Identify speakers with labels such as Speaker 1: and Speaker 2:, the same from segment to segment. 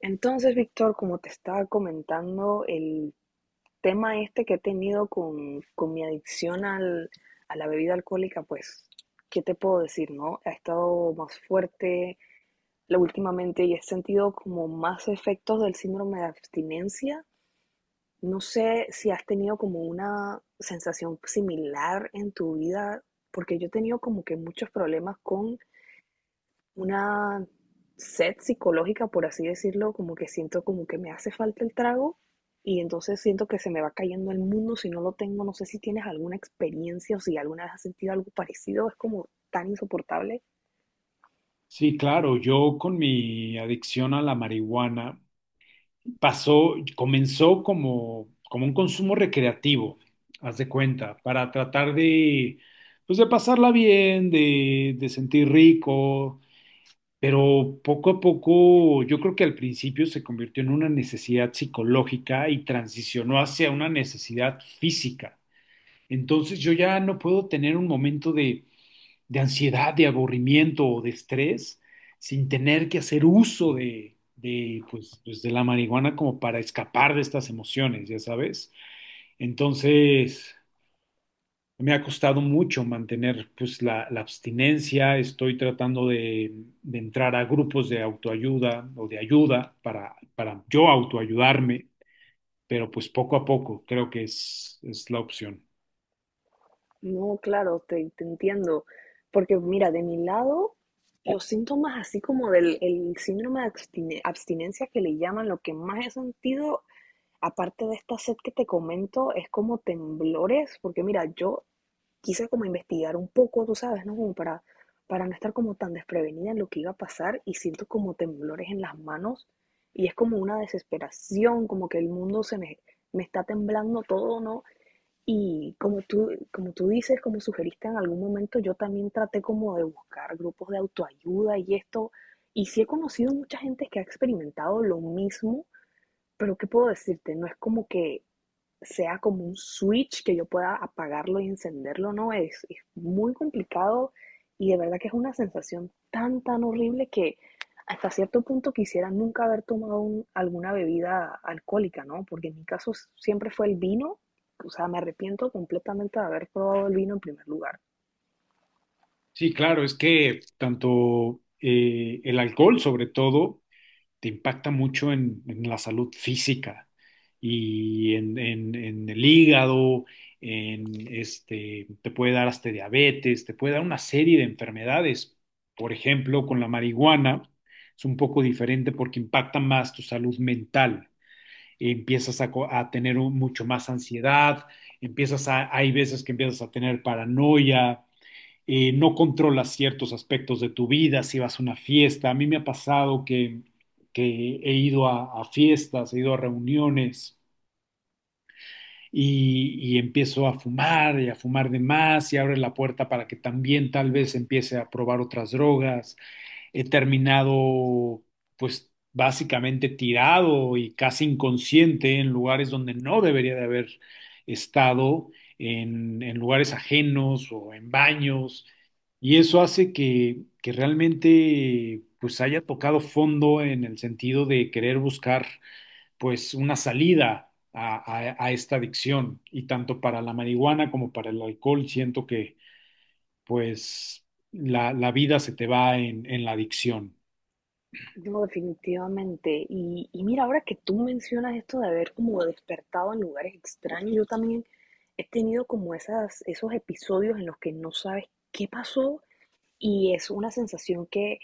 Speaker 1: Entonces, Víctor, como te estaba comentando, el tema este que he tenido con mi adicción a la bebida alcohólica, pues, ¿qué te puedo decir, no? Ha estado más fuerte últimamente y he sentido como más efectos del síndrome de abstinencia. No sé si has tenido como una sensación similar en tu vida, porque yo he tenido como que muchos problemas con una sed psicológica, por así decirlo, como que siento como que me hace falta el trago y entonces siento que se me va cayendo el mundo si no lo tengo. No sé si tienes alguna experiencia o si alguna vez has sentido algo parecido, es como tan insoportable.
Speaker 2: Sí, claro, yo con mi adicción a la marihuana pasó, comenzó como un consumo recreativo, haz de cuenta, para tratar de, pues de pasarla bien, de sentir rico, pero poco a poco yo creo que al principio se convirtió en una necesidad psicológica y transicionó hacia una necesidad física. Entonces yo ya no puedo tener un momento de ansiedad, de aburrimiento o de estrés, sin tener que hacer uso de la marihuana como para escapar de estas emociones, ya sabes. Entonces, me ha costado mucho mantener pues, la abstinencia, estoy tratando de entrar a grupos de autoayuda o de ayuda para yo autoayudarme, pero pues poco a poco creo que es la opción.
Speaker 1: No, claro, te entiendo, porque mira, de mi lado, los síntomas así como del el síndrome de abstinencia que le llaman, lo que más he sentido, aparte de esta sed que te comento, es como temblores, porque mira, yo quise como investigar un poco, tú sabes, ¿no? Como para no estar como tan desprevenida en lo que iba a pasar y siento como temblores en las manos y es como una desesperación, como que el mundo se me, me está temblando todo, ¿no? Y como tú dices, como sugeriste en algún momento, yo también traté como de buscar grupos de autoayuda y esto, y sí he conocido mucha gente que ha experimentado lo mismo, pero ¿qué puedo decirte? No es como que sea como un switch que yo pueda apagarlo y encenderlo, no, es muy complicado y de verdad que es una sensación tan, tan horrible que hasta cierto punto quisiera nunca haber tomado alguna bebida alcohólica, ¿no? Porque en mi caso siempre fue el vino, o sea, me arrepiento completamente de haber probado el vino en primer lugar.
Speaker 2: Sí, claro, es que tanto el alcohol sobre todo te impacta mucho en la salud física y en el hígado, en este, te puede dar hasta diabetes, te puede dar una serie de enfermedades. Por ejemplo, con la marihuana es un poco diferente porque impacta más tu salud mental. A tener mucho más ansiedad, empiezas a, hay veces que empiezas a tener paranoia, no controlas ciertos aspectos de tu vida, si vas a una fiesta. A mí me ha pasado que he ido a fiestas, he ido a reuniones y empiezo a fumar y a fumar de más y abre la puerta para que también tal vez empiece a probar otras drogas. He terminado pues básicamente tirado y casi inconsciente en lugares donde no debería de haber estado, en lugares ajenos o en baños, y eso hace que realmente pues haya tocado fondo en el sentido de querer buscar pues una salida a esta adicción, y tanto para la marihuana como para el alcohol siento que pues la vida se te va en la adicción.
Speaker 1: No, definitivamente. Y mira, ahora que tú mencionas esto de haber como despertado en lugares extraños, yo también he tenido como esas, esos episodios en los que no sabes qué pasó y es una sensación que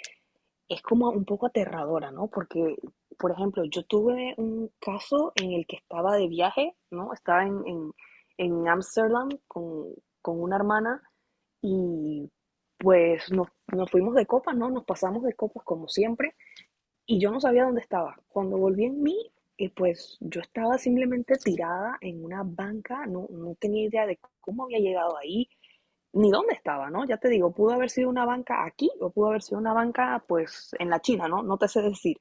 Speaker 1: es como un poco aterradora, ¿no? Porque, por ejemplo, yo tuve un caso en el que estaba de viaje, ¿no? Estaba en Ámsterdam con una hermana y pues nos fuimos de copas, ¿no? Nos pasamos de copas como siempre y yo no sabía dónde estaba. Cuando volví en mí, pues yo estaba simplemente tirada en una banca, no, no tenía idea de cómo había llegado ahí, ni dónde estaba, ¿no? Ya te digo, pudo haber sido una banca aquí o pudo haber sido una banca pues en la China, ¿no? No te sé decir.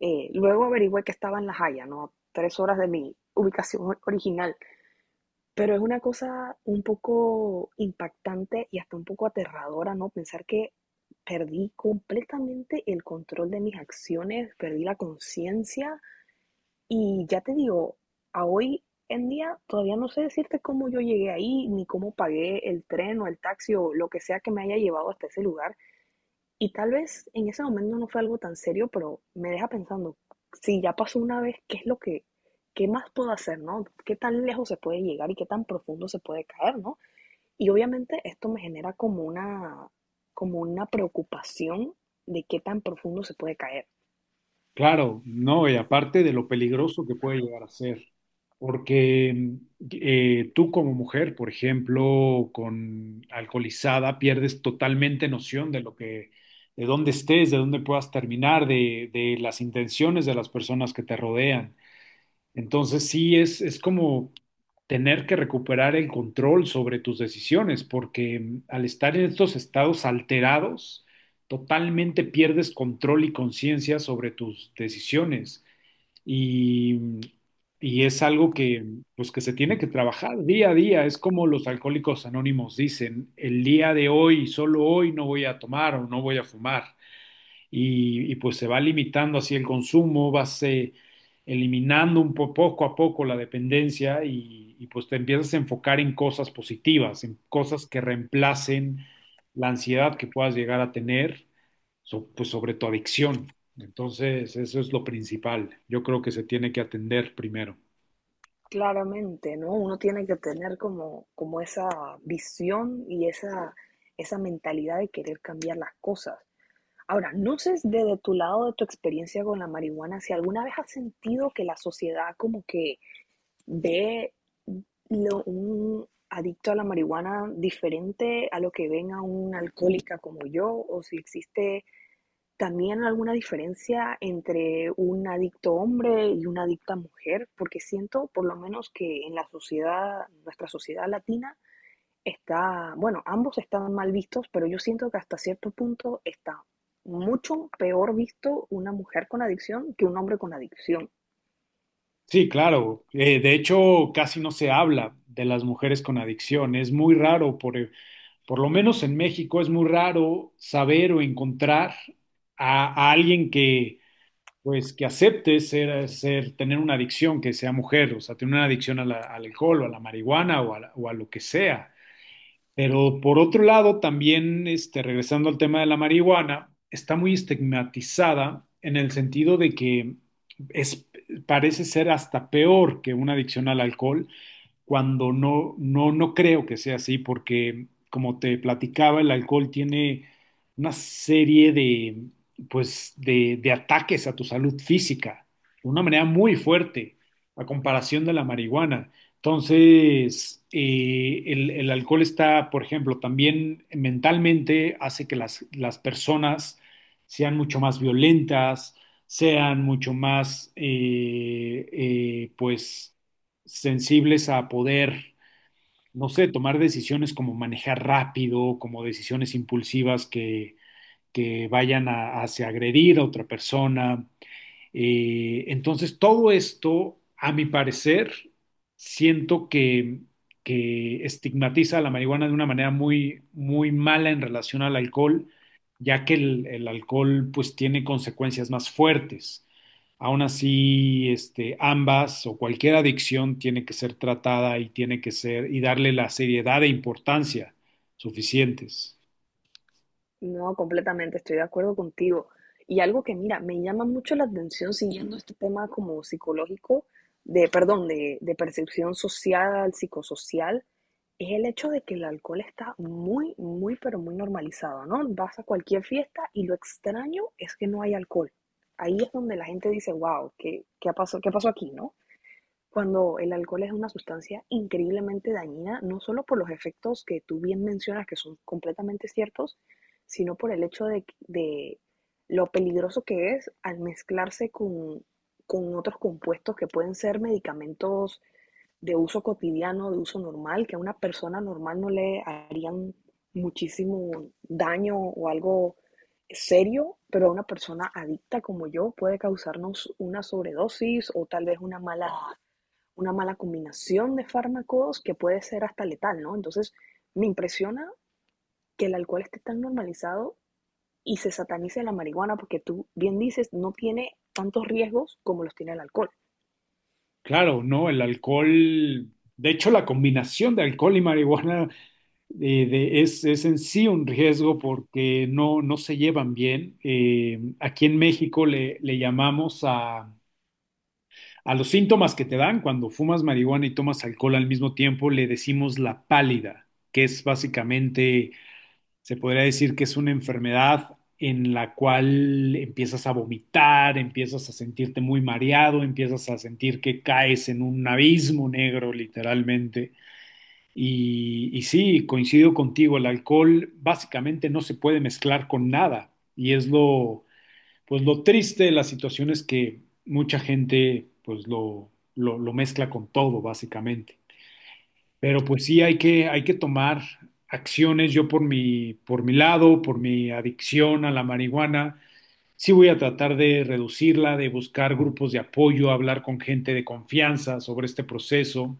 Speaker 1: Luego averigüé que estaba en La Haya, ¿no? Tres horas de mi ubicación original. Pero es una cosa un poco impactante y hasta un poco aterradora, ¿no? Pensar que perdí completamente el control de mis acciones, perdí la conciencia y ya te digo, a hoy en día todavía no sé decirte cómo yo llegué ahí, ni cómo pagué el tren o el taxi o lo que sea que me haya llevado hasta ese lugar. Y tal vez en ese momento no fue algo tan serio, pero me deja pensando, si ya pasó una vez, ¿qué es lo que, qué más puedo hacer, no? ¿Qué tan lejos se puede llegar y qué tan profundo se puede caer, no? Y obviamente esto me genera como una preocupación de qué tan profundo se puede caer.
Speaker 2: Claro, no, y aparte de lo peligroso que puede llegar a ser, porque tú como mujer, por ejemplo, con alcoholizada, pierdes totalmente noción de lo que, de dónde estés, de dónde puedas terminar, de las intenciones de las personas que te rodean. Entonces sí, es como tener que recuperar el control sobre tus decisiones, porque al estar en estos estados alterados, totalmente pierdes control y conciencia sobre tus decisiones. Y, mm, y es algo que, pues, que se tiene que trabajar día a día. Es como los alcohólicos anónimos dicen, el día de hoy, solo hoy no voy a tomar o no voy a fumar y pues se va limitando así el consumo, vas eliminando un poco a poco la dependencia y pues te empiezas a enfocar en cosas positivas, en cosas que reemplacen la ansiedad que puedas llegar a tener, pues sobre tu adicción. Entonces, eso es lo principal. Yo creo que se tiene que atender primero.
Speaker 1: Claramente, ¿no? Uno tiene que tener como, como esa visión y esa mentalidad de querer cambiar las cosas. Ahora, no sé desde tu lado, de tu experiencia con la marihuana, si alguna vez has sentido que la sociedad como que ve un adicto a la marihuana diferente a lo que ven a una alcohólica como yo, o si existe también alguna diferencia entre un adicto hombre y una adicta mujer, porque siento por lo menos que en la sociedad, nuestra sociedad latina, está, bueno, ambos están mal vistos, pero yo siento que hasta cierto punto está mucho peor visto una mujer con adicción que un hombre con adicción.
Speaker 2: Sí, claro. De hecho, casi no se habla de las mujeres con adicción. Es muy raro por lo menos en México es muy raro saber o encontrar a alguien que, pues, que acepte tener una adicción, que sea mujer, o sea, tener una adicción a al alcohol o a la marihuana o a, o a lo que sea. Pero por otro lado, también, este, regresando al tema de la marihuana, está muy estigmatizada en el sentido de que es, parece ser hasta peor que una adicción al alcohol cuando no creo que sea así, porque como te platicaba, el alcohol tiene una serie de, pues, de ataques a tu salud física, de una manera muy fuerte, a comparación de la marihuana. Entonces, el alcohol está, por ejemplo, también mentalmente hace que las personas sean mucho más violentas, sean mucho más, pues, sensibles a poder, no sé, tomar decisiones como manejar rápido, como decisiones impulsivas que vayan a, hacia agredir a otra persona, entonces, todo esto, a mi parecer, siento que estigmatiza a la marihuana de una manera muy, muy mala en relación al alcohol, ya que el alcohol pues tiene consecuencias más fuertes. Aún así, este, ambas o cualquier adicción tiene que ser tratada y tiene que ser y darle la seriedad e importancia suficientes.
Speaker 1: No, completamente, estoy de acuerdo contigo. Y algo que, mira, me llama mucho la atención siguiendo este tema como psicológico, de, perdón, de percepción social, psicosocial, es el hecho de que el alcohol está muy, muy, pero muy normalizado, ¿no? Vas a cualquier fiesta y lo extraño es que no hay alcohol. Ahí es donde la gente dice, wow, ¿qué, qué ha pasó, qué pasó aquí, ¿no? Cuando el alcohol es una sustancia increíblemente dañina, no solo por los efectos que tú bien mencionas, que son completamente ciertos, sino por el hecho de lo peligroso que es al mezclarse con otros compuestos que pueden ser medicamentos de uso cotidiano, de uso normal, que a una persona normal no le harían muchísimo daño o algo serio, pero a una persona adicta como yo puede causarnos una sobredosis o tal vez una mala combinación de fármacos que puede ser hasta letal, ¿no? Entonces, me impresiona que el alcohol esté tan normalizado y se satanice la marihuana porque tú bien dices, no tiene tantos riesgos como los tiene el alcohol.
Speaker 2: Claro, no, el alcohol, de hecho la combinación de alcohol y marihuana es en sí un riesgo porque no se llevan bien. Aquí en México le llamamos a los síntomas que te dan cuando fumas marihuana y tomas alcohol al mismo tiempo, le decimos la pálida, que es básicamente se podría decir que es una enfermedad en la cual empiezas a vomitar, empiezas a sentirte muy mareado, empiezas a sentir que caes en un abismo negro, literalmente. Y sí, coincido contigo, el alcohol básicamente no se puede mezclar con nada. Y es lo, pues lo triste de la situación es que mucha gente pues lo mezcla con todo, básicamente. Pero pues sí hay que tomar acciones. Yo por mi lado, por mi adicción a la marihuana, sí voy a tratar de reducirla, de buscar grupos de apoyo, hablar con gente de confianza sobre este proceso,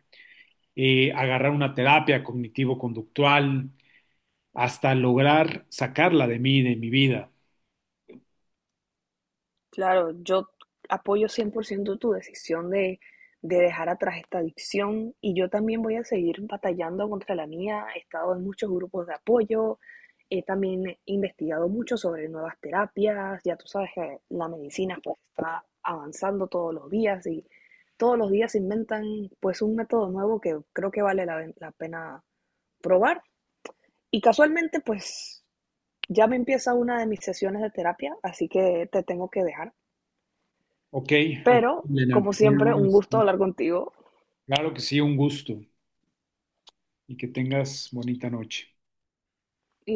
Speaker 2: agarrar una terapia cognitivo-conductual, hasta lograr sacarla de mí, de mi vida.
Speaker 1: Claro, yo apoyo 100% tu decisión de dejar atrás esta adicción y yo también voy a seguir batallando contra la mía. He estado en muchos grupos de apoyo, he también investigado mucho sobre nuevas terapias. Ya tú sabes que la medicina pues está avanzando todos los días y todos los días se inventan pues un método nuevo que creo que vale la pena probar. Y casualmente pues ya me empieza una de mis sesiones de terapia, así que te tengo que dejar.
Speaker 2: Ok, ok,
Speaker 1: Pero,
Speaker 2: Elena.
Speaker 1: como
Speaker 2: Muy
Speaker 1: siempre, un
Speaker 2: buenas.
Speaker 1: gusto hablar contigo
Speaker 2: Claro que sí, un gusto y que tengas bonita noche.